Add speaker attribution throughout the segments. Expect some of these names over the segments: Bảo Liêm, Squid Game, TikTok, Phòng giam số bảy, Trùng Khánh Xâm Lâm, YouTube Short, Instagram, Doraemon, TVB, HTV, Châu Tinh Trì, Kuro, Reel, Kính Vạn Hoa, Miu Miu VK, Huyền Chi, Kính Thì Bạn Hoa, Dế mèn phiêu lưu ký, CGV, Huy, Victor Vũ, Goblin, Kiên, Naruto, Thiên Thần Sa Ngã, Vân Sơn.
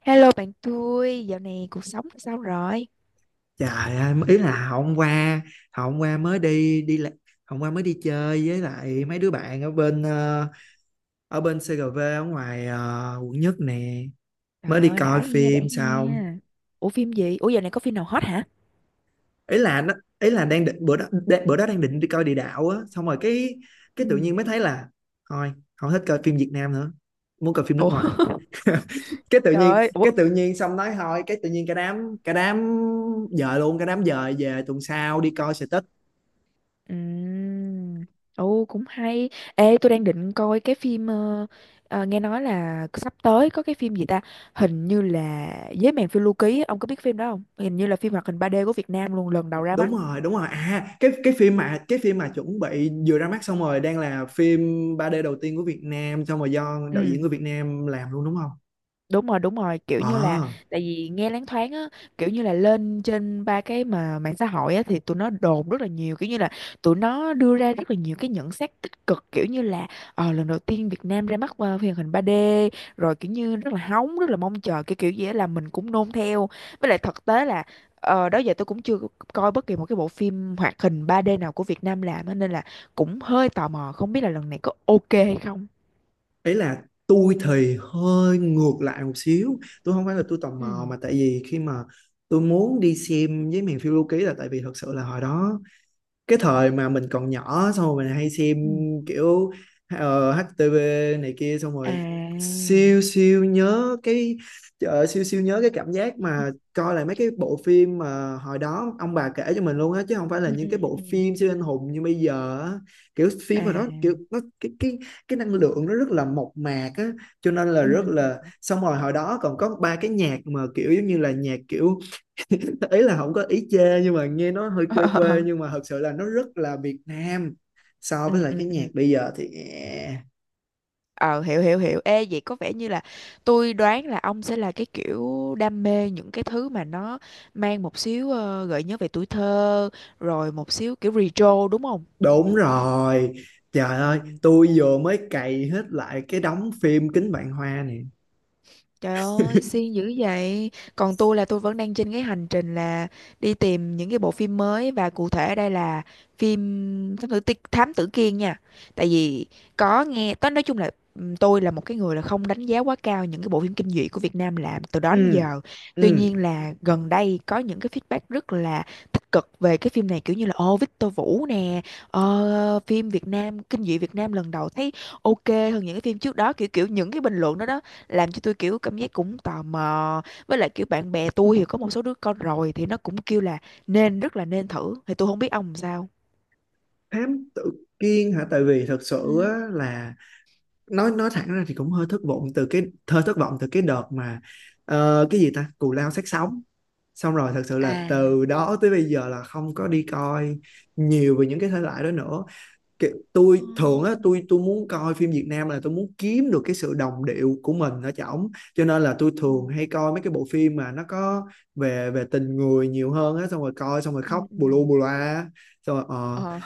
Speaker 1: Hello bạn tôi, dạo này cuộc sống sao rồi?
Speaker 2: Trời ơi, ý là hôm qua mới đi đi la- hôm qua mới đi chơi với lại mấy đứa bạn ở bên ở bên CGV ở ngoài quận nhất nè, mới
Speaker 1: Trời
Speaker 2: đi
Speaker 1: ơi,
Speaker 2: coi
Speaker 1: đã he, đã
Speaker 2: phim xong.
Speaker 1: he. Ủa phim gì? Ủa dạo này có phim nào hot hả?
Speaker 2: Ý là nó ý là đang định bữa đó đang định đi coi địa đạo á, xong rồi cái tự
Speaker 1: Ừ.
Speaker 2: nhiên mới thấy là thôi, không thích coi phim Việt Nam nữa, muốn coi phim nước
Speaker 1: Ủa,
Speaker 2: ngoài. Cái tự
Speaker 1: trời
Speaker 2: nhiên
Speaker 1: ơi, ủa.
Speaker 2: cái tự nhiên xong nói thôi, cái tự nhiên cả đám dời luôn, cả đám dời về tuần sau đi coi sự.
Speaker 1: Ừm. Ồ, cũng hay. Ê, tôi đang định coi cái phim, nghe nói là sắp tới có cái phim gì ta? Hình như là Dế Mèn Phiêu Lưu Ký, á. Ông có biết phim đó không? Hình như là phim hoạt hình ba d của Việt Nam luôn, lần đầu ra mắt.
Speaker 2: Đúng rồi, đúng rồi, à cái phim mà chuẩn bị vừa ra mắt xong rồi đang là phim 3D đầu tiên của Việt Nam, xong rồi do đạo diễn
Speaker 1: Ừ.
Speaker 2: người Việt Nam làm luôn, đúng không?
Speaker 1: Đúng rồi, đúng rồi, kiểu như là
Speaker 2: ờ
Speaker 1: tại vì nghe loáng thoáng á, kiểu như là lên trên ba cái mà mạng xã hội á thì tụi nó đồn rất là nhiều, kiểu như là tụi nó đưa ra rất là nhiều cái nhận xét tích cực, kiểu như là lần đầu tiên Việt Nam ra mắt phim hoạt hình 3D, rồi kiểu như rất là hóng, rất là mong chờ, cái kiểu gì á là mình cũng nôn theo. Với lại thực tế là đó giờ tôi cũng chưa coi bất kỳ một cái bộ phim hoạt hình 3D nào của Việt Nam làm á, nên là cũng hơi tò mò không biết là lần này có ok hay không.
Speaker 2: Ấy là tôi thì hơi ngược lại một xíu, tôi không phải là tôi tò
Speaker 1: Ừ.
Speaker 2: mò, mà tại vì khi mà tôi muốn đi xem với miền phiêu lưu ký là tại vì thật sự là hồi đó cái thời mà mình còn nhỏ xong rồi mình hay xem
Speaker 1: Ừ.
Speaker 2: kiểu HTV này kia, xong
Speaker 1: À,
Speaker 2: rồi siêu siêu nhớ cái siêu siêu nhớ cái cảm giác mà coi lại mấy cái bộ phim mà hồi đó ông bà kể cho mình luôn á, chứ không phải là
Speaker 1: ừ
Speaker 2: những
Speaker 1: ừ
Speaker 2: cái
Speaker 1: ừ
Speaker 2: bộ
Speaker 1: ừ.
Speaker 2: phim siêu anh hùng như bây giờ á. Kiểu phim
Speaker 1: À,
Speaker 2: mà nó kiểu nó cái năng lượng nó rất là mộc mạc á, cho nên là
Speaker 1: ừ
Speaker 2: rất
Speaker 1: ừ ừ.
Speaker 2: là, xong rồi hồi đó còn có ba cái nhạc mà kiểu giống như là nhạc kiểu ý là không có ý chê nhưng mà nghe nó hơi
Speaker 1: ờ
Speaker 2: quê
Speaker 1: ờ,
Speaker 2: quê,
Speaker 1: ờ.
Speaker 2: nhưng mà thật sự là nó rất là Việt Nam so với
Speaker 1: Ừ
Speaker 2: lại
Speaker 1: ừ
Speaker 2: cái nhạc
Speaker 1: ừ.
Speaker 2: bây giờ thì
Speaker 1: Ờ, hiểu hiểu hiểu. Ê, vậy có vẻ như là tôi đoán là ông sẽ là cái kiểu đam mê những cái thứ mà nó mang một xíu gợi nhớ về tuổi thơ, rồi một xíu kiểu retro, đúng không?
Speaker 2: đúng rồi. Trời ơi,
Speaker 1: Ừ.
Speaker 2: tôi vừa mới cày hết lại cái đống phim Kính Vạn Hoa này.
Speaker 1: Trời ơi, siêng dữ vậy. Còn tôi là tôi vẫn đang trên cái hành trình là đi tìm những cái bộ phim mới, và cụ thể ở đây là phim Thám Tử, Thám Tử Kiên nha. Tại vì có nghe, tôi nói chung là tôi là một cái người là không đánh giá quá cao những cái bộ phim kinh dị của Việt Nam làm từ đó đến
Speaker 2: Ừ,
Speaker 1: giờ. Tuy
Speaker 2: ừ,
Speaker 1: nhiên là gần đây có những cái feedback rất là tích cực về cái phim này, kiểu như là ô Victor Vũ nè, phim Việt Nam, kinh dị Việt Nam lần đầu thấy ok hơn những cái phim trước đó, kiểu kiểu những cái bình luận đó đó làm cho tôi kiểu cảm giác cũng tò mò. Với lại kiểu bạn bè tôi thì có một số đứa con rồi thì nó cũng kêu là nên, rất là nên thử, thì tôi không biết ông làm sao.
Speaker 2: thám tử Kiên hả? Tại vì thật
Speaker 1: Ừ.
Speaker 2: sự á, là nói thẳng ra thì cũng hơi thất vọng từ cái, hơi thất vọng từ cái đợt mà cái gì ta, cù lao xác sống, xong rồi thật sự là
Speaker 1: À.
Speaker 2: từ đó tới bây giờ là không có đi coi nhiều về những cái thể loại đó nữa. Kiểu tôi
Speaker 1: Ừ.
Speaker 2: thường á, tôi muốn coi phim Việt Nam là tôi muốn kiếm được cái sự đồng điệu của mình ở trỏng, cho nên là tôi
Speaker 1: Ừ.
Speaker 2: thường hay coi mấy cái bộ phim mà nó có về về tình người nhiều hơn á, xong rồi coi xong rồi khóc
Speaker 1: Ừ. Ừ.
Speaker 2: bù lu bù loa, xong rồi
Speaker 1: Ờ,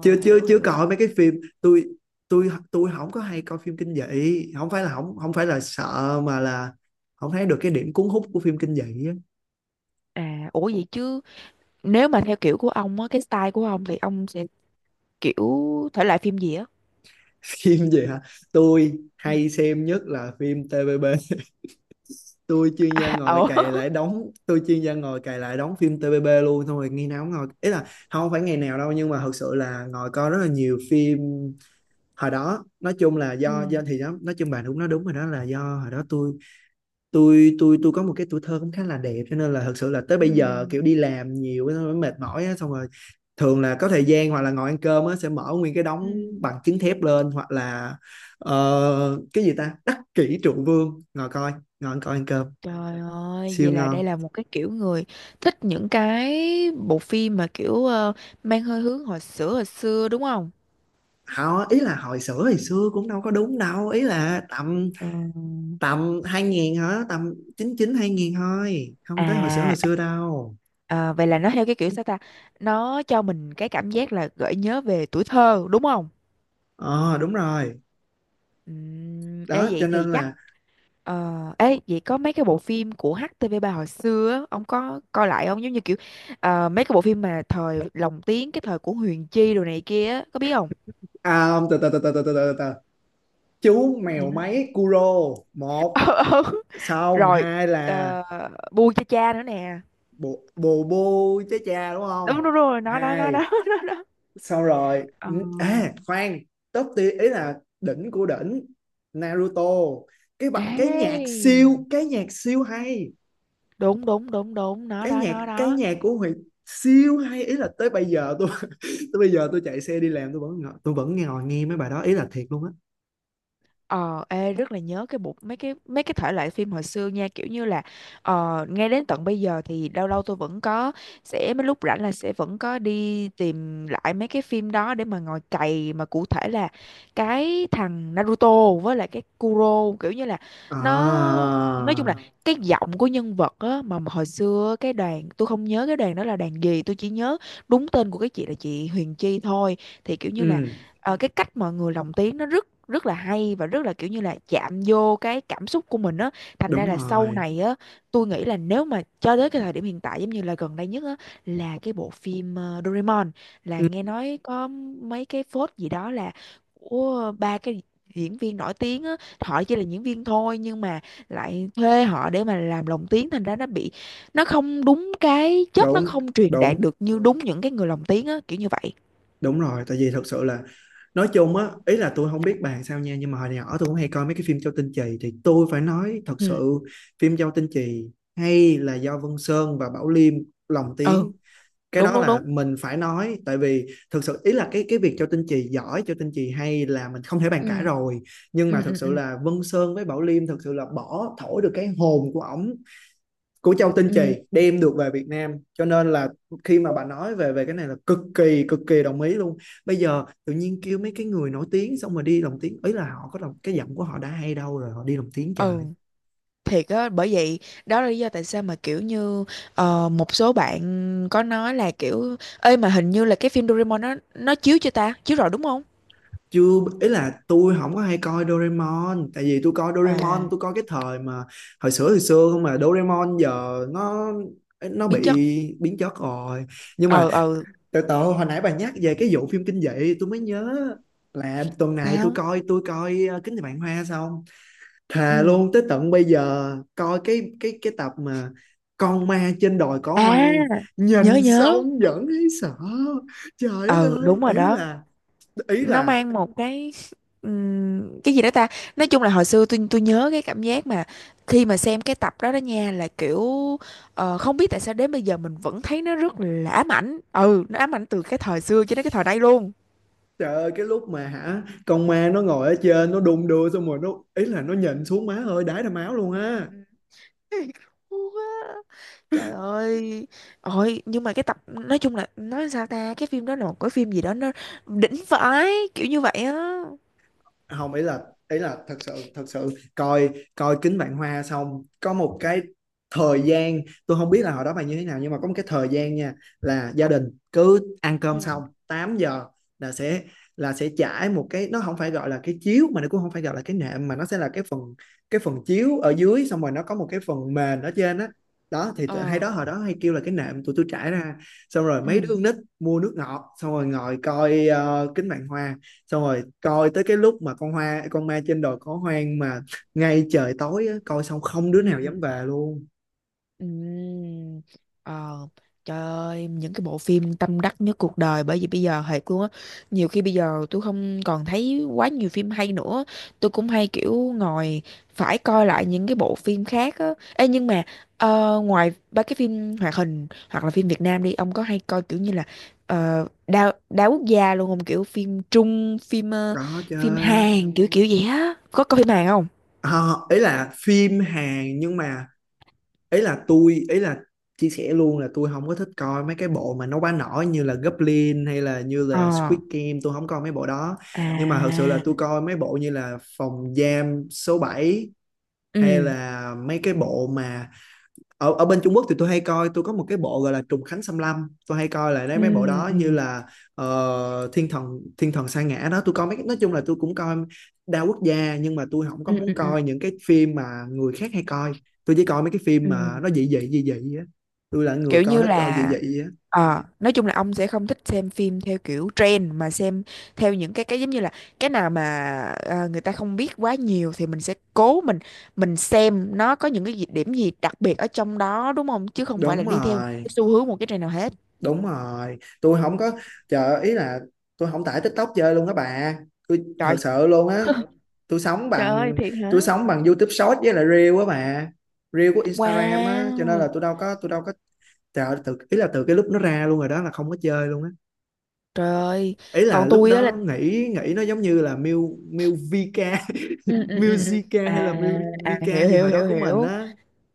Speaker 2: chưa chưa
Speaker 1: hiểu
Speaker 2: chưa
Speaker 1: hiểu.
Speaker 2: coi mấy cái phim. tôi tôi không có hay coi phim kinh dị, không phải là không không phải là sợ mà là không thấy được cái điểm cuốn hút của phim kinh dị á.
Speaker 1: À, ủa vậy chứ nếu mà theo kiểu của ông á, cái style của ông thì ông sẽ kiểu thể loại phim gì á?
Speaker 2: Phim gì hả? Tôi
Speaker 1: Ừ.
Speaker 2: hay xem nhất là phim TVB.
Speaker 1: À, ủa.
Speaker 2: Tôi chuyên gia ngồi cày lại đóng phim TVB luôn, xong rồi ngày nào cũng ngồi, ý là không phải ngày nào đâu, nhưng mà thật sự là ngồi coi rất là nhiều phim hồi đó. Nói chung là do
Speaker 1: Ừ.
Speaker 2: thì đó, nói chung bạn đúng, nó đúng rồi, đó là do hồi đó tôi có một cái tuổi thơ cũng khá là đẹp, cho nên là thật sự là tới
Speaker 1: Ừ.
Speaker 2: bây giờ kiểu đi làm nhiều á, xong rồi mệt mỏi á, xong rồi thường là có thời gian hoặc là ngồi ăn cơm á, sẽ mở nguyên cái đống
Speaker 1: Ừ.
Speaker 2: bằng chứng thép lên, hoặc là cái gì ta, đắc kỷ trụ vương, ngồi coi ngồi ăn coi ăn cơm
Speaker 1: Trời ơi,
Speaker 2: siêu
Speaker 1: vậy là
Speaker 2: ngon.
Speaker 1: đây là một cái kiểu người thích những cái bộ phim mà kiểu mang hơi hướng hồi xưa hồi xưa, đúng không?
Speaker 2: Họ ý là hồi xưa cũng đâu có đúng đâu, ý là tầm
Speaker 1: Ừm.
Speaker 2: tầm 2000 hả, tầm 99 2000 thôi, không tới
Speaker 1: À,
Speaker 2: hồi xưa đâu.
Speaker 1: à, vậy là nó theo cái kiểu sao ta? Nó cho mình cái cảm giác là gợi nhớ về tuổi thơ đúng không?
Speaker 2: Ờ Đúng rồi
Speaker 1: Ê
Speaker 2: đó, cho
Speaker 1: vậy thì
Speaker 2: nên
Speaker 1: chắc
Speaker 2: là
Speaker 1: ờ, ê vậy có mấy cái bộ phim của HTV ba hồi xưa á, ông có coi lại không? Giống như kiểu mấy cái bộ phim mà thời lồng tiếng cái thời của Huyền Chi đồ này kia á, có biết không?
Speaker 2: à, không, từ từ từ từ từ từ từ từ. Chú
Speaker 1: Dạ.
Speaker 2: mèo máy Kuro một,
Speaker 1: Ờ, ừ.
Speaker 2: xong
Speaker 1: Rồi
Speaker 2: hai là
Speaker 1: ờ, bu cho cha nữa nè.
Speaker 2: bồ bồ bô chế cha đúng
Speaker 1: Đúng
Speaker 2: không,
Speaker 1: đúng rồi, nó đó nó
Speaker 2: hai,
Speaker 1: đó. Nó đó.
Speaker 2: xong rồi
Speaker 1: Ờ,
Speaker 2: à khoan, top tier ý là đỉnh của đỉnh, Naruto.
Speaker 1: ê,
Speaker 2: Cái nhạc siêu hay,
Speaker 1: đúng đúng đúng đúng, nó
Speaker 2: cái
Speaker 1: đó
Speaker 2: nhạc
Speaker 1: nó
Speaker 2: cái
Speaker 1: đó.
Speaker 2: nhạc của Huy siêu hay, ý là tới bây giờ tôi tới bây giờ tôi chạy xe đi làm tôi vẫn ngồi nghe mấy bài đó, ý là thiệt luôn á.
Speaker 1: Ờ, ê, rất là nhớ cái bộ mấy cái thể loại phim hồi xưa nha, kiểu như là ngay đến tận bây giờ thì lâu lâu tôi vẫn có sẽ mấy lúc rảnh là sẽ vẫn có đi tìm lại mấy cái phim đó để mà ngồi cày, mà cụ thể là cái thằng Naruto với lại cái Kuro, kiểu như là
Speaker 2: À,
Speaker 1: nó, nói chung là cái giọng của nhân vật á, mà hồi xưa cái đoàn tôi không nhớ cái đoàn đó là đoàn gì, tôi chỉ nhớ đúng tên của cái chị là chị Huyền Chi thôi. Thì kiểu như là
Speaker 2: ừ
Speaker 1: cái cách mọi người lồng tiếng nó rất rất là hay, và rất là kiểu như là chạm vô cái cảm xúc của mình á. Thành ra
Speaker 2: đúng
Speaker 1: là sau
Speaker 2: rồi,
Speaker 1: này á, tôi nghĩ là nếu mà cho tới cái thời điểm hiện tại giống như là gần đây nhất á là cái bộ phim Doraemon là
Speaker 2: ừ,
Speaker 1: nghe nói có mấy cái phốt gì đó là của ba cái diễn viên nổi tiếng á, họ chỉ là diễn viên thôi nhưng mà lại thuê họ để mà làm lồng tiếng, thành ra nó bị, nó không đúng cái chất, nó
Speaker 2: đúng
Speaker 1: không truyền đạt
Speaker 2: đúng
Speaker 1: được như đúng những cái người lồng tiếng á, kiểu như vậy.
Speaker 2: đúng rồi, tại vì thật sự là nói chung á, ý là tôi không biết bàn sao nha, nhưng mà hồi nhỏ tôi cũng hay coi mấy cái phim Châu Tinh Trì, thì tôi phải nói thật
Speaker 1: Ừ
Speaker 2: sự phim Châu Tinh Trì hay là do Vân Sơn và Bảo Liêm lồng
Speaker 1: ừ,
Speaker 2: tiếng. Cái
Speaker 1: đúng
Speaker 2: đó
Speaker 1: đúng
Speaker 2: là
Speaker 1: đúng.
Speaker 2: mình phải nói, tại vì thực sự ý là cái việc Châu Tinh Trì giỏi, Châu Tinh Trì hay là mình không thể bàn cãi
Speaker 1: Ừ,
Speaker 2: rồi, nhưng mà
Speaker 1: ừ,
Speaker 2: thật
Speaker 1: ừ,
Speaker 2: sự
Speaker 1: ừ,
Speaker 2: là Vân Sơn với Bảo Liêm thật sự là bỏ thổi được cái hồn của ổng, của Châu Tinh Trì,
Speaker 1: ừ,
Speaker 2: đem được về Việt Nam, cho nên là khi mà bà nói về về cái này là cực kỳ đồng ý luôn. Bây giờ tự nhiên kêu mấy cái người nổi tiếng xong rồi đi lồng tiếng, ý là họ có đồng cái giọng của họ đã hay đâu, rồi họ đi lồng tiếng trời.
Speaker 1: ừ, thiệt á, bởi vậy đó là lý do tại sao mà kiểu như một số bạn có nói là kiểu ơi mà hình như là cái phim Doraemon nó chiếu chưa ta, chiếu rồi đúng không?
Speaker 2: Chưa, ý là tôi không có hay coi Doraemon, tại vì tôi coi Doraemon
Speaker 1: À,
Speaker 2: tôi coi cái thời mà hồi xưa hồi xưa, không mà Doraemon giờ nó bị
Speaker 1: biến chất.
Speaker 2: biến chất rồi, nhưng mà
Speaker 1: Ờ, ờ,
Speaker 2: từ từ, hồi nãy bà nhắc về cái vụ phim kinh dị tôi mới nhớ là tuần này tôi
Speaker 1: sao?
Speaker 2: coi, tôi coi Kính Thì Bạn Hoa xong, thề
Speaker 1: Ừ,
Speaker 2: luôn tới tận bây giờ coi cái tập mà con ma trên đồi cỏ
Speaker 1: à,
Speaker 2: hoang,
Speaker 1: nhớ
Speaker 2: nhìn
Speaker 1: nhớ.
Speaker 2: xong vẫn thấy sợ. Trời đất
Speaker 1: Ờ,
Speaker 2: ơi,
Speaker 1: đúng rồi đó.
Speaker 2: ý
Speaker 1: Nó
Speaker 2: là
Speaker 1: mang một cái gì đó ta, nói chung là hồi xưa tôi nhớ cái cảm giác mà khi mà xem cái tập đó đó nha là kiểu không biết tại sao đến bây giờ mình vẫn thấy nó rất là ám ảnh, ừ, nó ám ảnh từ cái thời xưa cho đến cái thời nay luôn.
Speaker 2: trời ơi, cái lúc mà hả, con ma nó ngồi ở trên nó đung đưa xong rồi nó, ý là nó nhìn xuống, má ơi đái ra máu luôn
Speaker 1: Ừ, ừ,
Speaker 2: á.
Speaker 1: ừ. Cú quá. Trời ơi, ôi nhưng mà cái tập, nói chung là, nói sao ta, cái phim đó là một cái phim gì đó, nó đỉnh vãi, kiểu như vậy á.
Speaker 2: Không, ý là thật sự, coi coi Kính Vạn Hoa xong có một cái thời gian, tôi không biết là hồi đó bạn như thế nào, nhưng mà có một cái thời gian nha, là gia đình cứ ăn cơm xong
Speaker 1: Ừ.
Speaker 2: 8 giờ là sẽ, trải một cái, nó không phải gọi là cái chiếu mà nó cũng không phải gọi là cái nệm, mà nó sẽ là cái phần chiếu ở dưới xong rồi nó có một cái phần mền ở trên á. Đó, đó thì hay
Speaker 1: Ờ,
Speaker 2: đó, hồi đó hay kêu là cái nệm, tụi tôi trải ra xong rồi mấy đứa
Speaker 1: ừ
Speaker 2: con nít mua nước ngọt xong rồi ngồi coi kính vạn hoa, xong rồi coi tới cái lúc mà con ma trên đồi có hoang mà ngay trời tối á, coi xong không đứa
Speaker 1: ừ
Speaker 2: nào
Speaker 1: ừ.
Speaker 2: dám về luôn.
Speaker 1: Ừm. Ờ, trời ơi, những cái bộ phim tâm đắc nhất cuộc đời, bởi vì bây giờ thiệt luôn á, nhiều khi bây giờ tôi không còn thấy quá nhiều phim hay nữa, tôi cũng hay kiểu ngồi phải coi lại những cái bộ phim khác á. Ê, nhưng mà ngoài ba cái phim hoạt hình hoặc là phim Việt Nam đi, ông có hay coi kiểu như là đa đa quốc gia luôn không? Kiểu phim Trung, phim
Speaker 2: Có chứ.
Speaker 1: phim Hàn kiểu kiểu vậy á. Có coi phim Hàn không?
Speaker 2: À, ý là phim Hàn, nhưng mà ý là tôi ý là chia sẻ luôn là tôi không có thích coi mấy cái bộ mà nó quá nổi như là Goblin hay là như là
Speaker 1: Ờ.
Speaker 2: Squid Game, tôi không coi mấy bộ đó. Nhưng mà thật sự là
Speaker 1: À.
Speaker 2: tôi coi mấy bộ như là Phòng giam số bảy, hay
Speaker 1: Ừ.
Speaker 2: là mấy cái bộ mà ở ở bên Trung Quốc thì tôi hay coi, tôi có một cái bộ gọi là Trùng Khánh Xâm Lâm tôi hay coi lại, đấy
Speaker 1: Ừ.
Speaker 2: mấy bộ đó, như
Speaker 1: Ừ.
Speaker 2: là Thiên Thần Sa Ngã đó, tôi coi mấy, nói chung là tôi cũng coi đa quốc gia, nhưng mà tôi không có
Speaker 1: Ừ ừ
Speaker 2: muốn
Speaker 1: ừ
Speaker 2: coi những cái phim mà người khác hay coi, tôi chỉ coi mấy cái phim
Speaker 1: ừ.
Speaker 2: mà nó dị dị dị dị á, tôi là người
Speaker 1: Kiểu
Speaker 2: coi
Speaker 1: như
Speaker 2: thích coi dị
Speaker 1: là
Speaker 2: dị á.
Speaker 1: nói chung là ông sẽ không thích xem phim theo kiểu trend, mà xem theo những cái giống như là cái nào mà người ta không biết quá nhiều thì mình sẽ cố mình xem nó có những cái gì- điểm gì đặc biệt ở trong đó, đúng không? Chứ không phải là
Speaker 2: Đúng
Speaker 1: đi theo một
Speaker 2: rồi,
Speaker 1: cái xu hướng, một cái trend nào hết.
Speaker 2: đúng rồi, tôi không có chờ ý là tôi không tải TikTok chơi luôn đó bà, tôi thật
Speaker 1: Trời.
Speaker 2: sự luôn á. tôi sống
Speaker 1: Trời ơi,
Speaker 2: bằng
Speaker 1: thiệt hả?
Speaker 2: tôi sống bằng YouTube Short với lại Reel á bà, Reel của Instagram á, cho nên là
Speaker 1: Wow.
Speaker 2: tôi đâu có chờ từ ý là từ cái lúc nó ra luôn rồi đó là không có chơi luôn á.
Speaker 1: Trời ơi.
Speaker 2: Ý là
Speaker 1: Còn
Speaker 2: lúc
Speaker 1: tôi á là
Speaker 2: đó nghĩ nghĩ nó giống như là Miu Miu VK
Speaker 1: ừ ừ ừ ừ.
Speaker 2: Musica hay
Speaker 1: À,
Speaker 2: là Miu
Speaker 1: à,
Speaker 2: VK
Speaker 1: hiểu
Speaker 2: gì
Speaker 1: hiểu
Speaker 2: hồi đó
Speaker 1: hiểu
Speaker 2: của mình
Speaker 1: hiểu.
Speaker 2: á.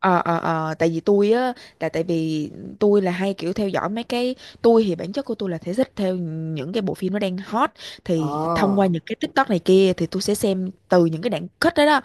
Speaker 1: Tại vì tôi á, tại tại vì tôi là hay kiểu theo dõi mấy cái, tôi thì bản chất của tôi là thể thích theo những cái bộ phim nó đang hot,
Speaker 2: Ờ,
Speaker 1: thì thông qua những cái TikTok này kia thì tôi sẽ xem từ những cái đoạn cut đó đó,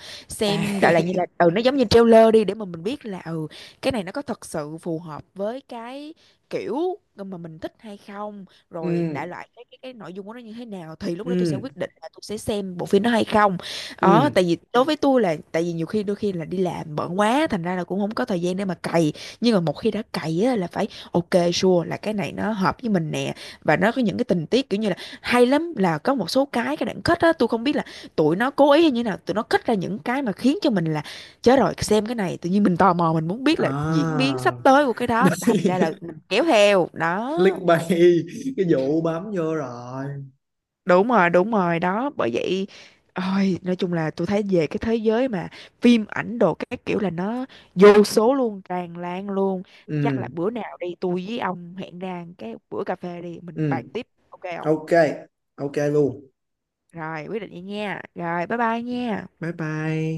Speaker 2: à.
Speaker 1: xem đại loại như là, ừ, nó giống như trailer đi, để mà mình biết là, ừ, cái này nó có thật sự phù hợp với cái kiểu mà mình thích hay không,
Speaker 2: Ừ,
Speaker 1: rồi đại loại cái nội dung của nó như thế nào, thì lúc đó tôi sẽ
Speaker 2: ừ,
Speaker 1: quyết định là tôi sẽ xem bộ phim đó hay không. Ờ,
Speaker 2: ừ,
Speaker 1: tại vì đối với tôi là tại vì nhiều khi đôi khi là đi làm bận quá, thành ra là cũng không có thời gian để mà cày, nhưng mà một khi đã cày á là phải ok, sure là cái này nó hợp với mình nè, và nó có những cái tình tiết kiểu như là hay lắm, là có một số cái đoạn kết á tôi không biết là tụi nó cố ý hay như nào, tụi nó kết ra những cái mà khiến cho mình là, chết rồi, xem cái này tự nhiên mình tò mò mình muốn biết là diễn biến sắp
Speaker 2: à.
Speaker 1: tới của cái đó, thành ra là mình kéo theo đó.
Speaker 2: Click bay, cái vụ bấm vô rồi.
Speaker 1: Đúng rồi, đúng rồi đó, bởi vậy. Ôi nói chung là tôi thấy về cái thế giới mà phim ảnh đồ các kiểu là nó vô số luôn, tràn lan luôn. Chắc
Speaker 2: Ừ,
Speaker 1: là bữa nào đi tôi với ông hẹn ra cái bữa cà phê đi, mình
Speaker 2: ừ,
Speaker 1: bàn tiếp, ok không?
Speaker 2: ok, ok luôn,
Speaker 1: Rồi quyết định vậy nha, rồi bye bye nha.
Speaker 2: bye bye.